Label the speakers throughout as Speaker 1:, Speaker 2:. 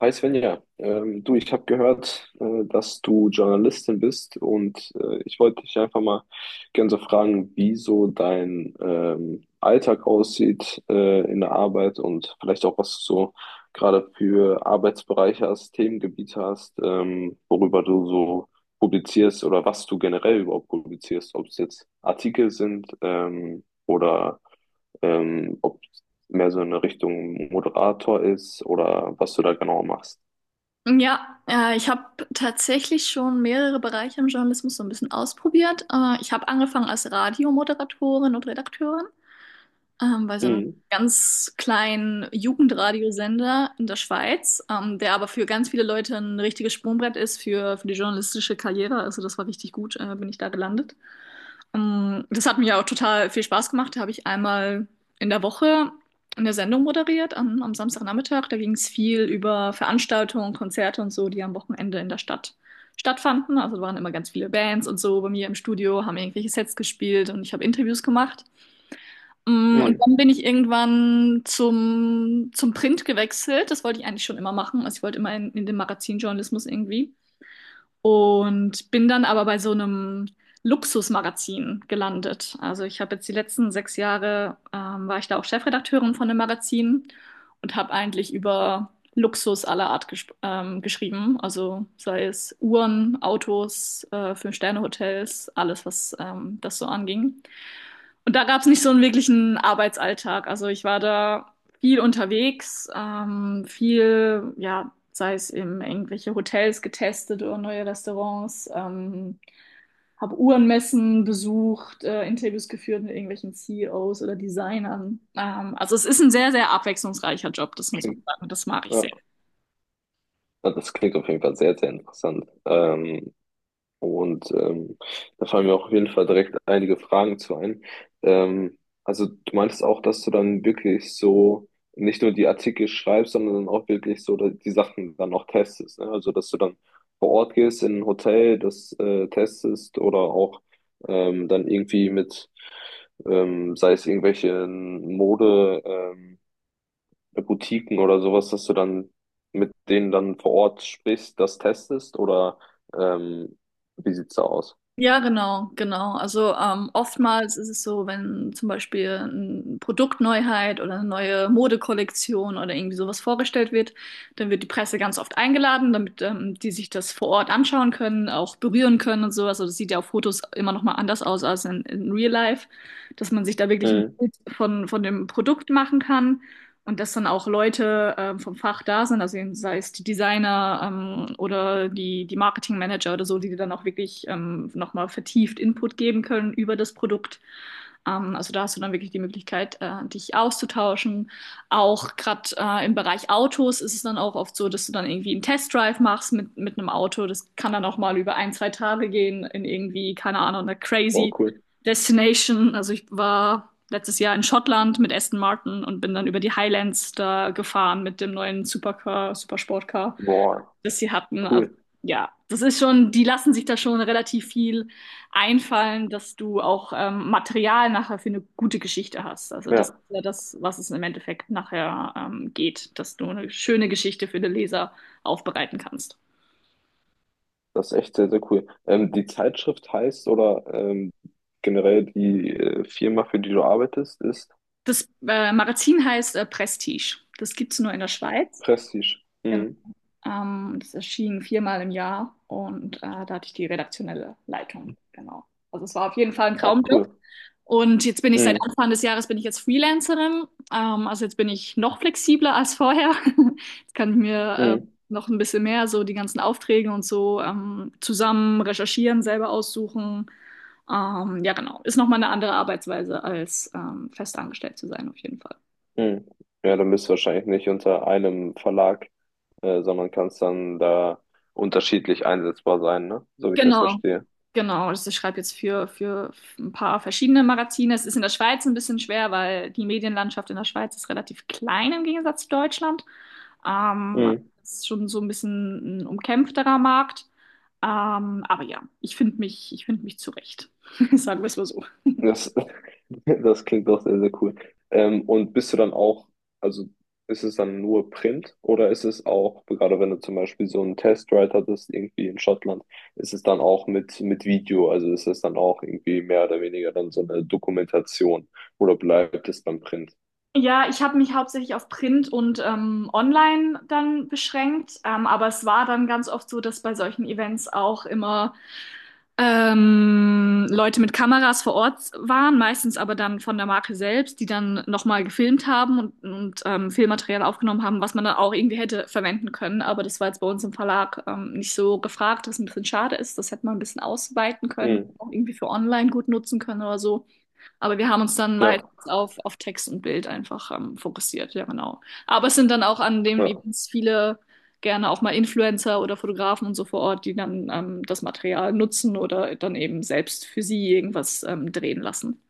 Speaker 1: Hi Svenja, du, ich habe gehört, dass du Journalistin bist und ich wollte dich einfach mal gerne so fragen, wie so dein Alltag aussieht in der Arbeit und vielleicht auch, was du so gerade für Arbeitsbereiche hast, Themengebiete hast, worüber du so publizierst oder was du generell überhaupt publizierst, ob es jetzt Artikel sind oder ob mehr so in eine Richtung Moderator ist oder was du da genau machst.
Speaker 2: Ja, ich habe tatsächlich schon mehrere Bereiche im Journalismus so ein bisschen ausprobiert. Ich habe angefangen als Radiomoderatorin und Redakteurin bei so einem
Speaker 1: Mhm.
Speaker 2: ganz kleinen Jugendradiosender in der Schweiz, der aber für ganz viele Leute ein richtiges Sprungbrett ist für die journalistische Karriere. Also das war richtig gut, bin ich da gelandet. Das hat mir auch total viel Spaß gemacht. Da habe ich einmal in der Woche eine Sendung moderiert am Samstagnachmittag. Da ging es viel über Veranstaltungen, Konzerte und so, die am Wochenende in der Stadt stattfanden. Also da waren immer ganz viele Bands und so bei mir im Studio, haben irgendwelche Sets gespielt und ich habe Interviews gemacht. Und
Speaker 1: Mhm.
Speaker 2: dann bin ich irgendwann zum Print gewechselt. Das wollte ich eigentlich schon immer machen. Also ich wollte immer in den Magazinjournalismus irgendwie und bin dann aber bei so einem Luxusmagazin gelandet. Also ich habe jetzt die letzten sechs Jahre, war ich da auch Chefredakteurin von einem Magazin und habe eigentlich über Luxus aller Art geschrieben. Also sei es Uhren, Autos, Fünf-Sterne-Hotels, alles, was das so anging. Und da gab es nicht so einen wirklichen Arbeitsalltag. Also ich war da viel unterwegs, viel, ja, sei es eben irgendwelche Hotels getestet oder neue Restaurants, habe Uhrenmessen besucht, Interviews geführt mit irgendwelchen CEOs oder Designern. Also es ist ein sehr, sehr abwechslungsreicher Job, das muss man
Speaker 1: Klingt,
Speaker 2: sagen, und das mag ich
Speaker 1: ja.
Speaker 2: sehr.
Speaker 1: Ja, das klingt auf jeden Fall sehr, sehr interessant. Und ähm, Da fallen mir auch auf jeden Fall direkt einige Fragen zu ein. Ähm, also du meintest auch, dass du dann wirklich so nicht nur die Artikel schreibst, sondern dann auch wirklich so die Sachen dann auch testest, ne? Also dass du dann vor Ort gehst in ein Hotel, das testest oder auch dann irgendwie mit, sei es irgendwelche Mode, bei Boutiquen oder sowas, dass du dann mit denen dann vor Ort sprichst, das testest oder ähm, wie sieht's da aus?
Speaker 2: Ja, genau, genau. Also oftmals ist es so, wenn zum Beispiel eine Produktneuheit oder eine neue Modekollektion oder irgendwie sowas vorgestellt wird, dann wird die Presse ganz oft eingeladen, damit die sich das vor Ort anschauen können, auch berühren können und sowas. Also das sieht ja auf Fotos immer noch mal anders aus als in Real Life, dass man sich da wirklich ein
Speaker 1: Mhm.
Speaker 2: Bild von dem Produkt machen kann. Und dass dann auch Leute vom Fach da sind, also sei es die Designer oder die Marketingmanager oder so, die dir dann auch wirklich nochmal vertieft Input geben können über das Produkt. Also da hast du dann wirklich die Möglichkeit, dich auszutauschen. Auch gerade im Bereich Autos ist es dann auch oft so, dass du dann irgendwie einen Testdrive machst mit einem Auto. Das kann dann auch mal über ein, zwei Tage gehen in irgendwie, keine Ahnung, eine
Speaker 1: Boah,
Speaker 2: crazy
Speaker 1: cool.
Speaker 2: Destination. Also ich war letztes Jahr in Schottland mit Aston Martin und bin dann über die Highlands da gefahren mit dem neuen Supercar, Supersportcar,
Speaker 1: Boah,
Speaker 2: das sie hatten. Also
Speaker 1: cool.
Speaker 2: ja, das ist schon, die lassen sich da schon relativ viel einfallen, dass du auch Material nachher für eine gute Geschichte hast. Also das ist
Speaker 1: Ja,
Speaker 2: ja das, was es im Endeffekt nachher geht, dass du eine schöne Geschichte für den Leser aufbereiten kannst.
Speaker 1: das ist echt sehr, sehr cool. Die Zeitschrift heißt oder generell die Firma, für die du arbeitest, ist
Speaker 2: Das Magazin heißt Prestige. Das gibt's nur in der Schweiz.
Speaker 1: Prestige.
Speaker 2: Genau.
Speaker 1: Mhm.
Speaker 2: Das erschien viermal im Jahr und da hatte ich die redaktionelle Leitung. Genau. Also es war auf jeden Fall ein
Speaker 1: Ach,
Speaker 2: Traumjob.
Speaker 1: cool.
Speaker 2: Und jetzt bin ich seit
Speaker 1: Mhm.
Speaker 2: Anfang des Jahres bin ich jetzt Freelancerin. Also jetzt bin ich noch flexibler als vorher. Jetzt kann ich mir
Speaker 1: Mhm.
Speaker 2: noch ein bisschen mehr so die ganzen Aufträge und so zusammen recherchieren, selber aussuchen. Ja, genau. Ist nochmal eine andere Arbeitsweise als fest angestellt zu sein, auf jeden Fall.
Speaker 1: Mhm. Ja, dann bist du wahrscheinlich nicht unter einem Verlag, sondern kannst dann da unterschiedlich einsetzbar sein, ne? So wie ich das
Speaker 2: Genau,
Speaker 1: verstehe.
Speaker 2: genau. Also ich schreibe jetzt für ein paar verschiedene Magazine. Es ist in der Schweiz ein bisschen schwer, weil die Medienlandschaft in der Schweiz ist relativ klein im Gegensatz zu Deutschland. Ähm,
Speaker 1: Mhm.
Speaker 2: es ist schon so ein bisschen ein umkämpfterer Markt. Aber ja, ich finde mich zurecht. Sagen wir es mal so.
Speaker 1: Das, das klingt doch sehr, sehr cool. Und bist du dann auch, also ist es dann nur Print oder ist es auch, gerade wenn du zum Beispiel so einen Testride hattest, irgendwie in Schottland, ist es dann auch mit Video, also ist es dann auch irgendwie mehr oder weniger dann so eine Dokumentation oder bleibt es beim Print?
Speaker 2: Ja, ich habe mich hauptsächlich auf Print und Online dann beschränkt, aber es war dann ganz oft so, dass bei solchen Events auch immer Leute mit Kameras vor Ort waren, meistens aber dann von der Marke selbst, die dann nochmal gefilmt haben und Filmmaterial aufgenommen haben, was man dann auch irgendwie hätte verwenden können. Aber das war jetzt bei uns im Verlag nicht so gefragt, was ein bisschen schade ist. Das hätte man ein bisschen ausweiten können,
Speaker 1: Mhm.
Speaker 2: auch irgendwie für online gut nutzen können oder so. Aber wir haben uns dann
Speaker 1: Ja,
Speaker 2: meistens auf Text und Bild einfach fokussiert, ja genau. Aber es sind dann auch an den
Speaker 1: ja.
Speaker 2: Events viele, gerne auch mal Influencer oder Fotografen und so vor Ort, die dann das Material nutzen oder dann eben selbst für sie irgendwas drehen lassen.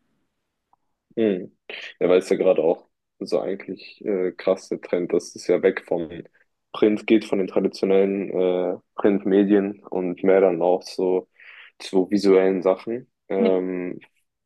Speaker 1: Mhm. Ja, weil es ja gerade auch so eigentlich krass der Trend, dass es ja weg vom Print geht, von den traditionellen Printmedien und mehr dann auch so zu visuellen Sachen.
Speaker 2: Ja.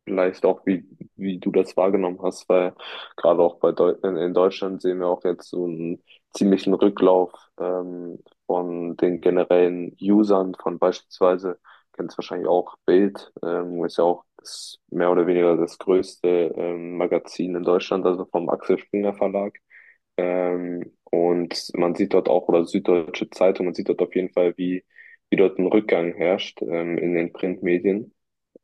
Speaker 1: Vielleicht auch, wie, wie du das wahrgenommen hast, weil gerade auch in Deutschland sehen wir auch jetzt so einen ziemlichen Rücklauf ähm, von den generellen Usern von beispielsweise, kennst wahrscheinlich auch Bild, ist ja auch das, mehr oder weniger das größte Magazin in Deutschland, also vom Axel Springer Verlag. Und man sieht dort auch, oder Süddeutsche Zeitung, man sieht dort auf jeden Fall, wie, wie dort ein Rückgang herrscht in den Printmedien.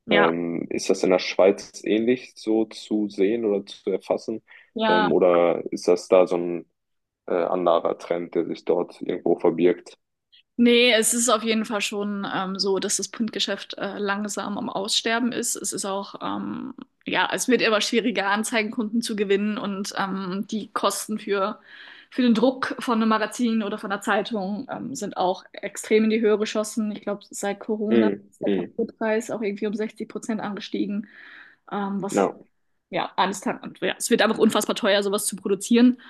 Speaker 2: Ja.
Speaker 1: Ist das in der Schweiz ähnlich so zu sehen oder zu erfassen?
Speaker 2: Ja.
Speaker 1: Oder ist das da so ein anderer Trend, der sich dort irgendwo verbirgt?
Speaker 2: Nee, es ist auf jeden Fall schon so, dass das Printgeschäft langsam am Aussterben ist. Es ist auch, ja, es wird immer schwieriger, Anzeigenkunden zu gewinnen und die Kosten für den Druck von einem Magazin oder von einer Zeitung sind auch extrem in die Höhe geschossen. Ich glaube, seit Corona
Speaker 1: Mhm.
Speaker 2: ist der
Speaker 1: Mhm.
Speaker 2: Papierpreis auch irgendwie um 60% angestiegen. Was,
Speaker 1: Ja,
Speaker 2: ja, eines Tages, und ja, es wird einfach unfassbar teuer, sowas zu produzieren.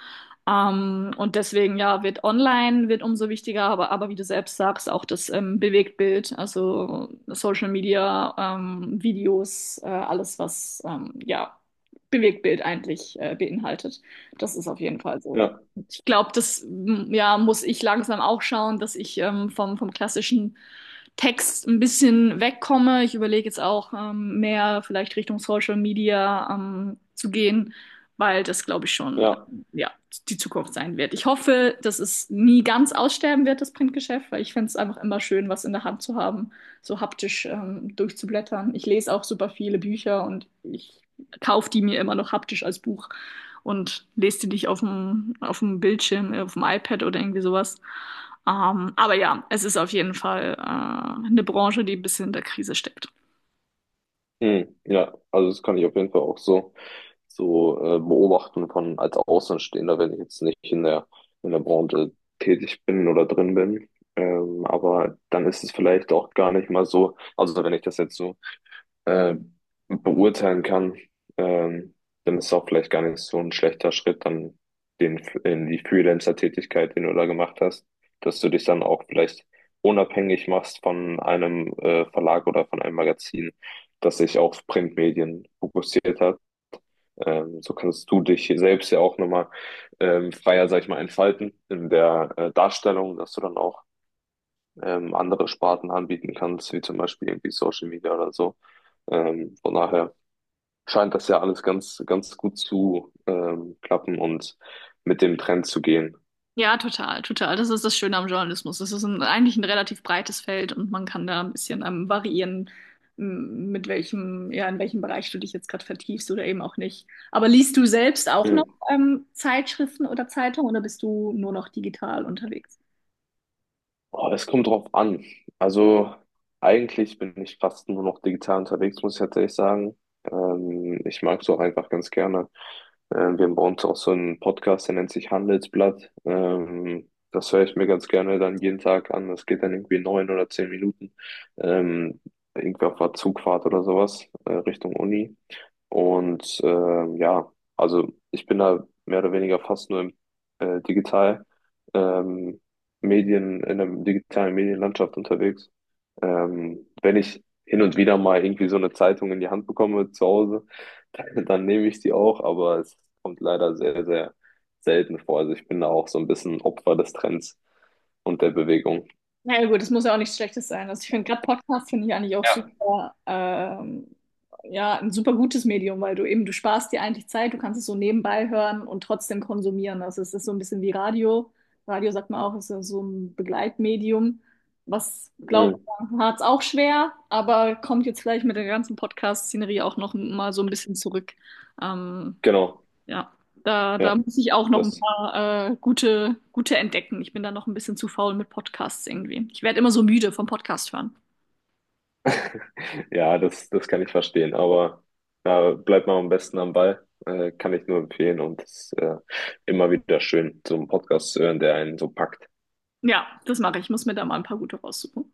Speaker 2: Und deswegen, ja, wird online, wird umso wichtiger, aber wie du selbst sagst, auch das Bewegtbild, also Social Media, Videos, alles, was, ja, Bewegtbild eigentlich beinhaltet. Das ist auf jeden Fall so.
Speaker 1: ja,
Speaker 2: Ich glaube, das, ja, muss ich langsam auch schauen, dass ich vom klassischen Text ein bisschen wegkomme. Ich überlege jetzt auch, mehr vielleicht Richtung Social Media zu gehen, weil das, glaube ich, schon
Speaker 1: ja.
Speaker 2: ja, die Zukunft sein wird. Ich hoffe, dass es nie ganz aussterben wird, das Printgeschäft, weil ich finde es einfach immer schön, was in der Hand zu haben, so haptisch durchzublättern. Ich lese auch super viele Bücher und ich kaufe die mir immer noch haptisch als Buch und lese die nicht auf dem Bildschirm, auf dem iPad oder irgendwie sowas. Aber ja, es ist auf jeden Fall eine Branche, die ein bisschen in der Krise steckt.
Speaker 1: Hm, ja, also das kann ich auf jeden Fall auch so, so beobachten von als Außenstehender, wenn ich jetzt nicht in der, in der Branche tätig bin oder drin bin. Aber dann ist es vielleicht auch gar nicht mal so, also wenn ich das jetzt so äh, beurteilen kann, ähm, dann ist es auch vielleicht gar nicht so ein schlechter Schritt, dann den, in die Freelancer-Tätigkeit, den du da gemacht hast, dass du dich dann auch vielleicht unabhängig machst von einem Verlag oder von einem Magazin, das sich auf Printmedien fokussiert hat. So kannst du dich selbst ja auch nochmal freier, sag ich mal, entfalten in der Darstellung, dass du dann auch andere Sparten anbieten kannst, wie zum Beispiel irgendwie Social Media oder so. Von daher scheint das ja alles ganz, ganz gut zu klappen und mit dem Trend zu gehen.
Speaker 2: Ja, total, total. Das ist das Schöne am Journalismus. Das ist ein, eigentlich ein relativ breites Feld und man kann da ein bisschen variieren, mit welchem, ja, in welchem Bereich du dich jetzt gerade vertiefst oder eben auch nicht. Aber liest du selbst auch noch
Speaker 1: Mhm.
Speaker 2: Zeitschriften oder Zeitungen oder bist du nur noch digital unterwegs?
Speaker 1: Oh, es kommt drauf an. Also eigentlich bin ich fast nur noch digital unterwegs, muss ich tatsächlich sagen. Ich mag es auch einfach ganz gerne. Wir haben bei uns auch so einen Podcast, der nennt sich Handelsblatt. Das höre ich mir ganz gerne dann jeden Tag an. Das geht dann irgendwie 9 oder 10 Minuten. Ähm, irgendwie auf der Zugfahrt oder sowas, Richtung Uni. Und ja, also ich bin da mehr oder weniger fast nur im, digital. Ähm, Medien, in der digitalen Medienlandschaft unterwegs. Wenn ich hin und wieder mal irgendwie so eine Zeitung in die Hand bekomme zu Hause, dann, dann nehme ich die auch, aber es kommt leider sehr, sehr selten vor. Also ich bin da auch so ein bisschen Opfer des Trends und der Bewegung.
Speaker 2: Naja gut, das muss ja auch nichts Schlechtes sein. Also ich finde gerade Podcast finde ich eigentlich auch
Speaker 1: Ja.
Speaker 2: super, ja, ein super gutes Medium, weil du eben, du sparst dir eigentlich Zeit, du kannst es so nebenbei hören und trotzdem konsumieren. Also es ist so ein bisschen wie Radio. Radio sagt man auch, ist ja so ein Begleitmedium, was, glaube
Speaker 1: Mhm.
Speaker 2: ich, hat es auch schwer, aber kommt jetzt vielleicht mit der ganzen Podcast-Szenerie auch noch mal so ein bisschen zurück. Ähm,
Speaker 1: Genau,
Speaker 2: ja, da
Speaker 1: ja.
Speaker 2: muss ich auch noch ein
Speaker 1: Das,
Speaker 2: paar gute entdecken. Ich bin da noch ein bisschen zu faul mit Podcasts irgendwie. Ich werde immer so müde vom Podcast hören.
Speaker 1: ja, das, das kann ich verstehen, aber da bleibt man am besten am Ball, kann ich nur empfehlen und es ist immer wieder schön, so einen Podcast zu hören, der einen so packt.
Speaker 2: Ja, das mache ich. Ich muss mir da mal ein paar gute raussuchen.